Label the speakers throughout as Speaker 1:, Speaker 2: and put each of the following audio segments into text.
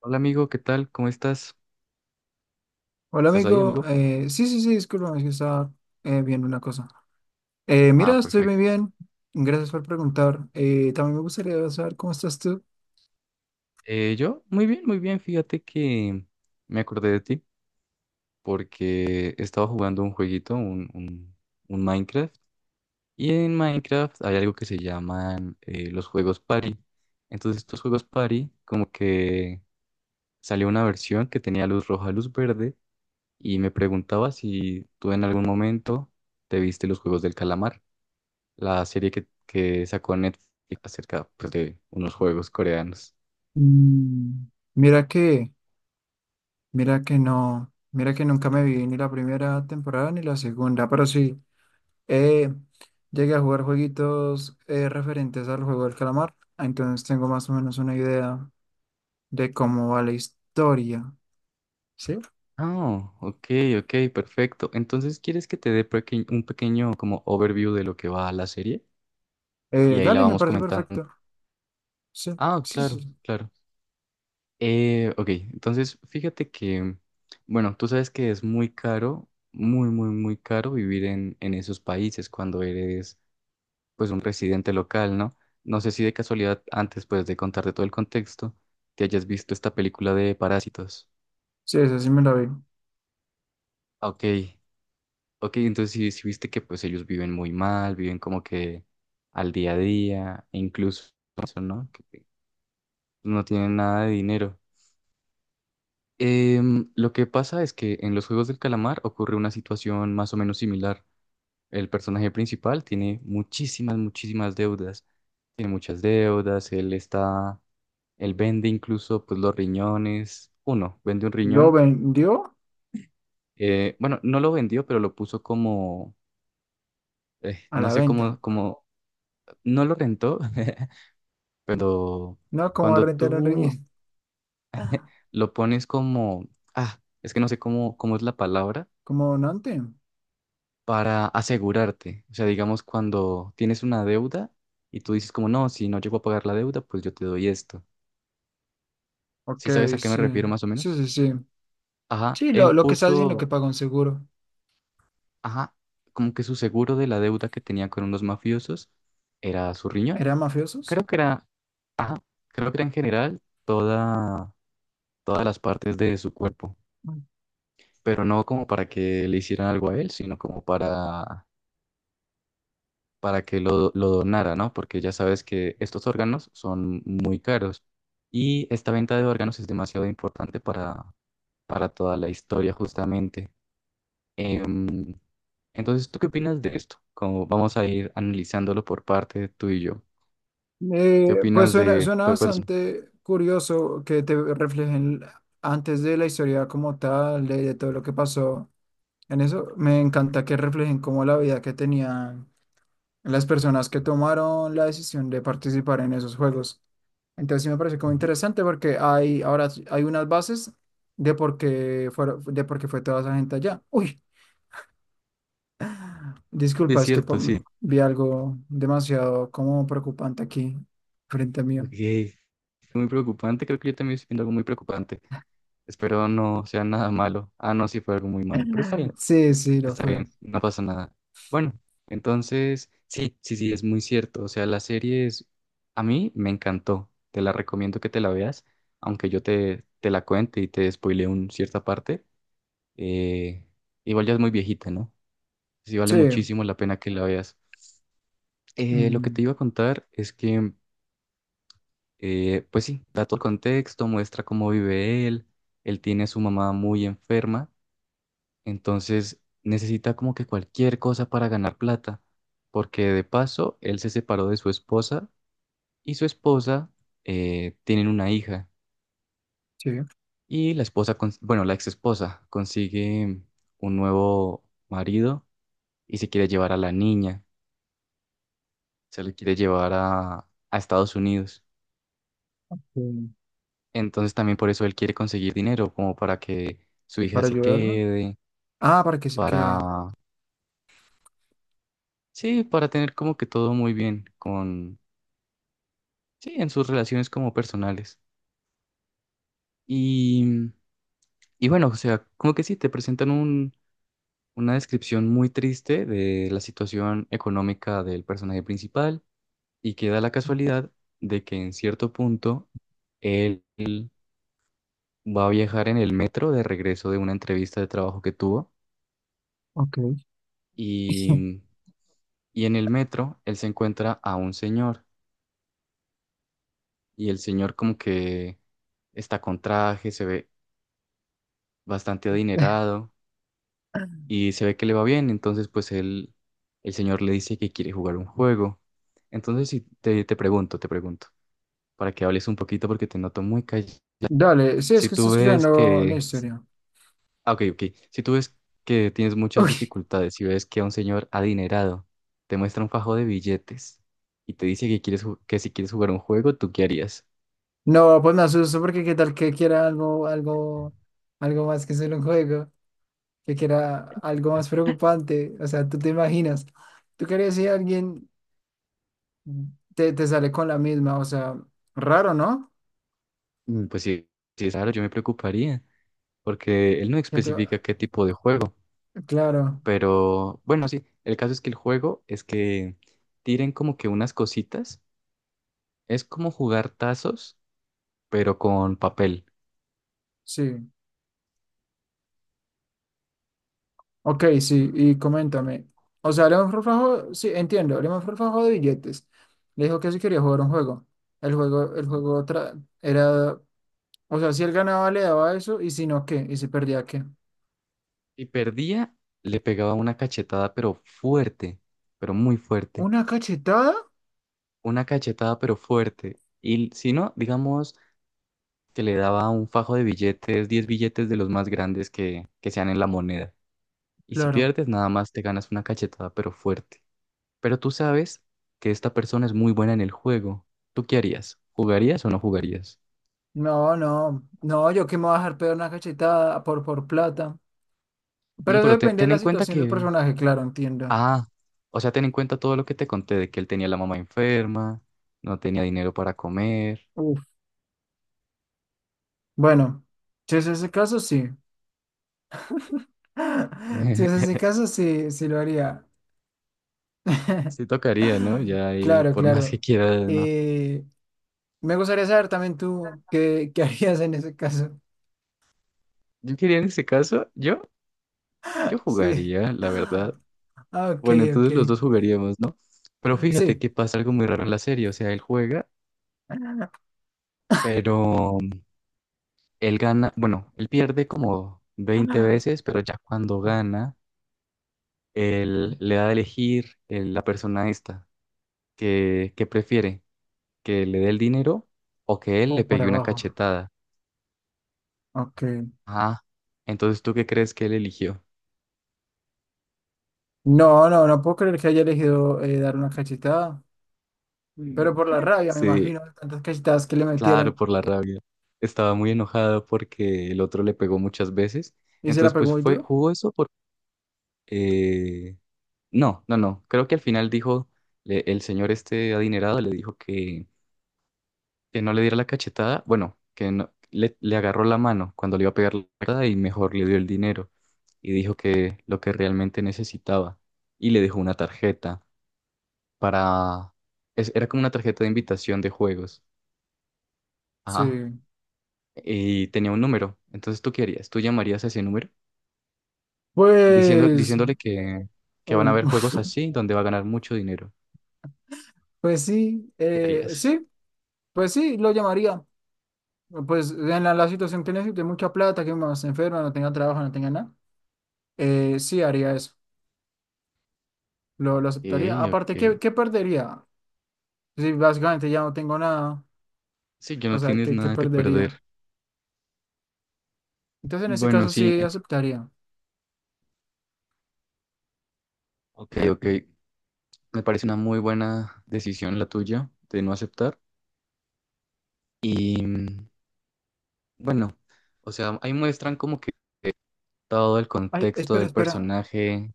Speaker 1: Hola amigo, ¿qué tal? ¿Cómo estás?
Speaker 2: Hola
Speaker 1: ¿Estás ahí,
Speaker 2: amigo.
Speaker 1: amigo?
Speaker 2: Sí, sí, sí, discúlpame, es que estaba viendo una cosa.
Speaker 1: Ah,
Speaker 2: Mira, estoy muy
Speaker 1: perfecto.
Speaker 2: bien, gracias por preguntar. También me gustaría saber cómo estás tú.
Speaker 1: Yo, muy bien, muy bien. Fíjate que me acordé de ti porque estaba jugando un jueguito, un Minecraft. Y en Minecraft hay algo que se llaman los juegos party. Entonces estos juegos party, como que salió una versión que tenía luz roja, luz verde. Y me preguntaba si tú en algún momento te viste los Juegos del Calamar, la serie que sacó Netflix acerca pues, de unos juegos coreanos.
Speaker 2: Mm, Mira que, mira que no, mira que nunca me vi ni la primera temporada ni la segunda, pero sí, eh, llegué a jugar jueguitos referentes al juego del calamar, entonces tengo más o menos una idea de cómo va la historia, ¿sí?
Speaker 1: Ah, ok, ok, perfecto. Entonces, ¿quieres que te dé un pequeño como overview de lo que va la serie? Y ahí la
Speaker 2: Dale, me
Speaker 1: vamos
Speaker 2: parece
Speaker 1: comentando.
Speaker 2: perfecto. Sí,
Speaker 1: Ah,
Speaker 2: sí, sí,
Speaker 1: claro,
Speaker 2: sí,
Speaker 1: claro. Ok, entonces fíjate que, bueno, tú sabes que es muy caro, muy, muy, muy caro vivir en esos países cuando eres pues un residente local, ¿no? No sé si de casualidad, antes pues de contarte todo el contexto, te hayas visto esta película de Parásitos.
Speaker 2: sí, esa sí me la vi.
Speaker 1: Ok, ok, entonces sí, sí viste que pues ellos viven muy mal, viven como que al día a día, e incluso eso, ¿no? Que no tienen nada de dinero. Lo que pasa es que en los Juegos del Calamar ocurre una situación más o menos similar. El personaje principal tiene muchísimas, muchísimas deudas. Tiene muchas deudas. Él vende incluso pues los riñones, uno, vende un
Speaker 2: Lo
Speaker 1: riñón.
Speaker 2: vendió
Speaker 1: Bueno, no lo vendió, pero lo puso como,
Speaker 2: a
Speaker 1: no
Speaker 2: la
Speaker 1: sé
Speaker 2: venta.
Speaker 1: cómo, como, no lo rentó, pero
Speaker 2: No, como a
Speaker 1: cuando
Speaker 2: rentar un
Speaker 1: tú
Speaker 2: ring
Speaker 1: lo pones como, ah, es que no sé cómo es la palabra,
Speaker 2: como donante.
Speaker 1: para asegurarte. O sea, digamos, cuando tienes una deuda y tú dices como, no, si no llego a pagar la deuda, pues yo te doy esto.
Speaker 2: Ok,
Speaker 1: ¿Sí sabes a qué me
Speaker 2: sí.
Speaker 1: refiero más o
Speaker 2: Sí,
Speaker 1: menos?
Speaker 2: sí, sí.
Speaker 1: Ajá,
Speaker 2: Sí,
Speaker 1: él
Speaker 2: lo que está diciendo que
Speaker 1: puso...
Speaker 2: pagó un seguro.
Speaker 1: Ajá, como que su seguro de la deuda que tenía con unos mafiosos era su riñón.
Speaker 2: ¿Eran mafiosos?
Speaker 1: Creo que era, ajá, creo que era en general toda, todas las partes de su cuerpo, pero no como para que le hicieran algo a él, sino como para, que lo donara, ¿no? Porque ya sabes que estos órganos son muy caros y esta venta de órganos es demasiado importante para toda la historia justamente. Em, entonces, ¿tú qué opinas de esto? Como vamos a ir analizándolo por parte tú y yo. ¿Qué
Speaker 2: Pues
Speaker 1: opinas de...?
Speaker 2: suena
Speaker 1: Pues,
Speaker 2: bastante curioso que te reflejen antes de la historia como tal, de todo lo que pasó en eso. Me encanta que reflejen como la vida que tenía las personas que tomaron la decisión de participar en esos juegos. Entonces sí me parece como interesante porque hay hay unas bases de por qué fueron, de por qué fue toda esa gente allá. Uy,
Speaker 1: es
Speaker 2: disculpa, es que
Speaker 1: cierto, sí.
Speaker 2: vi algo demasiado como preocupante aquí frente a mí.
Speaker 1: Ok. Muy preocupante, creo que yo también estoy viendo algo muy preocupante. Espero no sea nada malo. Ah, no, sí fue algo muy malo, pero
Speaker 2: Sí, sí, lo
Speaker 1: está
Speaker 2: fue.
Speaker 1: bien, no pasa nada. Bueno, entonces, sí, sí, sí, es muy cierto. O sea, la serie es... A mí me encantó, te la recomiendo que te la veas, aunque yo te la cuente y te spoile un cierta parte. Eh, Igual ya es muy viejita, ¿no? Pues sí vale
Speaker 2: Sí,
Speaker 1: muchísimo la pena que la veas. Lo que te
Speaker 2: mm,
Speaker 1: iba a contar es que, pues sí, da todo el contexto, muestra cómo vive él. Él tiene a su mamá muy enferma, entonces necesita como que cualquier cosa para ganar plata, porque de paso él se separó de su esposa y su esposa tienen una hija
Speaker 2: sí,
Speaker 1: y la esposa, bueno, la ex esposa consigue un nuevo marido y se quiere llevar a la niña. Se lo quiere llevar a, Estados Unidos.
Speaker 2: sí.
Speaker 1: Entonces también por eso él quiere conseguir dinero, como para que su hija
Speaker 2: Para
Speaker 1: se
Speaker 2: ayudarlo.
Speaker 1: quede,
Speaker 2: Ah, para que se
Speaker 1: para,
Speaker 2: quede.
Speaker 1: sí, para tener como que todo muy bien con, sí, en sus relaciones como personales. Y, y bueno, o sea, como que sí, te presentan una descripción muy triste de la situación económica del personaje principal y queda la casualidad de que en cierto punto él va a viajar en el metro de regreso de una entrevista de trabajo que tuvo
Speaker 2: Ok.
Speaker 1: y, y en el metro él se encuentra a un señor y el señor como que está con traje, se ve bastante adinerado y se ve que le va bien, entonces pues él, el señor le dice que quiere jugar un juego. Entonces si te pregunto, te pregunto, para que hables un poquito porque te noto muy callado.
Speaker 2: Dale, sí, es
Speaker 1: Si
Speaker 2: que
Speaker 1: tú
Speaker 2: estoy
Speaker 1: ves
Speaker 2: escuchando
Speaker 1: que...
Speaker 2: la historia.
Speaker 1: Ah, ok, ok. Si tú ves que tienes muchas
Speaker 2: Uy,
Speaker 1: dificultades, si ves que a un señor adinerado te muestra un fajo de billetes y te dice que quieres que si quieres jugar un juego, ¿tú qué harías?
Speaker 2: no, pues me asusto porque qué tal que quiera algo, algo más que solo un juego, que quiera algo más preocupante. O sea, tú te imaginas, tú querías si alguien te sale con la misma, o sea, raro, ¿no?
Speaker 1: Pues sí, sí, claro, yo me preocuparía, porque él no
Speaker 2: ¿Que tú?
Speaker 1: especifica qué tipo de juego,
Speaker 2: Claro,
Speaker 1: pero bueno, sí, el caso es que el juego es que tiren como que unas cositas, es como jugar tazos, pero con papel.
Speaker 2: sí. Ok, sí, y coméntame. O sea, León Forfajo, sí, entiendo, León Forfajo de billetes. Le dijo que sí quería jugar un juego. El juego era, o sea, si él ganaba le daba eso, y si no, ¿qué? Y si perdía, ¿qué?
Speaker 1: Si perdía, le pegaba una cachetada, pero fuerte, pero muy fuerte.
Speaker 2: ¿Una cachetada?
Speaker 1: Una cachetada pero fuerte. Y si no, digamos que le daba un fajo de billetes, 10 billetes de los más grandes que sean en la moneda. Y si
Speaker 2: Claro.
Speaker 1: pierdes, nada más te ganas una cachetada pero fuerte. Pero tú sabes que esta persona es muy buena en el juego. ¿Tú qué harías? ¿Jugarías o no jugarías?
Speaker 2: No, no, no, yo que me voy a dejar pegar una cachetada por plata. Pero
Speaker 1: No,
Speaker 2: eso
Speaker 1: pero
Speaker 2: depende de
Speaker 1: ten en
Speaker 2: la
Speaker 1: cuenta
Speaker 2: situación del
Speaker 1: que...
Speaker 2: personaje, claro, entiendo.
Speaker 1: Ah, o sea, ten en cuenta todo lo que te conté de que él tenía la mamá enferma, no tenía dinero para comer.
Speaker 2: Uf. Bueno, si es ese caso, sí. Si es ese caso, sí, sí lo haría.
Speaker 1: Sí tocaría, ¿no? Ya ahí,
Speaker 2: Claro,
Speaker 1: por más que
Speaker 2: claro.
Speaker 1: quieras, ¿no?
Speaker 2: Eh, Me gustaría saber también qué harías en ese caso.
Speaker 1: Yo quería en ese caso, yo
Speaker 2: Sí.
Speaker 1: jugaría, la
Speaker 2: Ah,
Speaker 1: verdad.
Speaker 2: ok,
Speaker 1: Bueno,
Speaker 2: ok.
Speaker 1: entonces los dos jugaríamos, ¿no? Pero fíjate
Speaker 2: Sí.
Speaker 1: que pasa algo muy raro en la serie, o sea, él juega, pero él gana, bueno, él pierde como 20 veces, pero ya cuando gana, él le da a elegir la persona esta, que prefiere, que le dé el dinero o que él le
Speaker 2: O por
Speaker 1: pegue una
Speaker 2: abajo.
Speaker 1: cachetada.
Speaker 2: Ok.
Speaker 1: Ah, entonces, ¿tú qué crees que él eligió?
Speaker 2: No, no, no puedo creer que haya elegido dar una cachetada,
Speaker 1: Mm.
Speaker 2: pero por la rabia, me
Speaker 1: Sí,
Speaker 2: imagino, de tantas cachetadas que le
Speaker 1: claro,
Speaker 2: metieron.
Speaker 1: por la rabia. Estaba muy enojada porque el otro le pegó muchas veces.
Speaker 2: ¿Y se la
Speaker 1: Entonces,
Speaker 2: pegó
Speaker 1: pues
Speaker 2: muy
Speaker 1: fue,
Speaker 2: duro?
Speaker 1: jugó eso por... eh, no, no, no. Creo que al final dijo, el señor este adinerado le dijo que no le diera la cachetada. Bueno, que no- le agarró la mano cuando le iba a pegar la cachetada y mejor le dio el dinero. Y dijo que lo que realmente necesitaba. Y le dejó una tarjeta para... era como una tarjeta de invitación de juegos.
Speaker 2: Sí.
Speaker 1: Ajá. Y tenía un número. Entonces, ¿tú qué harías? ¿Tú llamarías a ese número diciendo,
Speaker 2: Pues,
Speaker 1: diciéndole que van
Speaker 2: uy,
Speaker 1: a haber juegos así donde va a ganar mucho dinero?
Speaker 2: pues sí,
Speaker 1: ¿Qué harías?
Speaker 2: sí, pues sí, lo llamaría. Pues en la situación que necesite mucha plata, que mi se enferma, no tenga trabajo, no tenga nada, sí haría eso, lo aceptaría.
Speaker 1: Ok,
Speaker 2: Aparte,
Speaker 1: ok.
Speaker 2: qué perdería? Si básicamente ya no tengo nada,
Speaker 1: Sí, que
Speaker 2: o
Speaker 1: no
Speaker 2: sea,
Speaker 1: tienes
Speaker 2: qué
Speaker 1: nada que perder.
Speaker 2: perdería? Entonces en ese
Speaker 1: Bueno,
Speaker 2: caso
Speaker 1: sí.
Speaker 2: sí aceptaría.
Speaker 1: Ok, ok. Me parece una muy buena decisión la tuya de no aceptar. Y bueno, o sea, ahí muestran como que todo el
Speaker 2: Ay,
Speaker 1: contexto
Speaker 2: espera,
Speaker 1: del
Speaker 2: espera.
Speaker 1: personaje.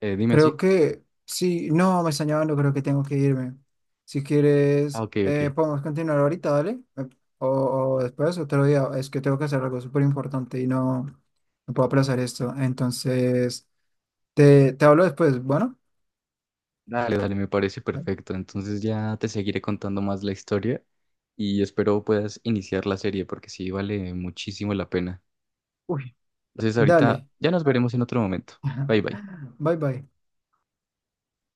Speaker 1: Dime,
Speaker 2: Creo
Speaker 1: sí.
Speaker 2: que sí, no, me están llamando, creo que tengo que irme. Si
Speaker 1: Ah,
Speaker 2: quieres,
Speaker 1: ok, ok.
Speaker 2: podemos continuar ahorita, dale. O, o después, otro día. Es que tengo que hacer algo súper importante y no, no puedo aplazar esto. Entonces, te hablo después. Bueno,
Speaker 1: Dale, dale, me parece perfecto. Entonces ya te seguiré contando más la historia y espero puedas iniciar la serie porque sí vale muchísimo la pena.
Speaker 2: uy,
Speaker 1: Entonces ahorita
Speaker 2: dale.
Speaker 1: ya nos veremos en otro momento. Bye bye.
Speaker 2: Bye bye.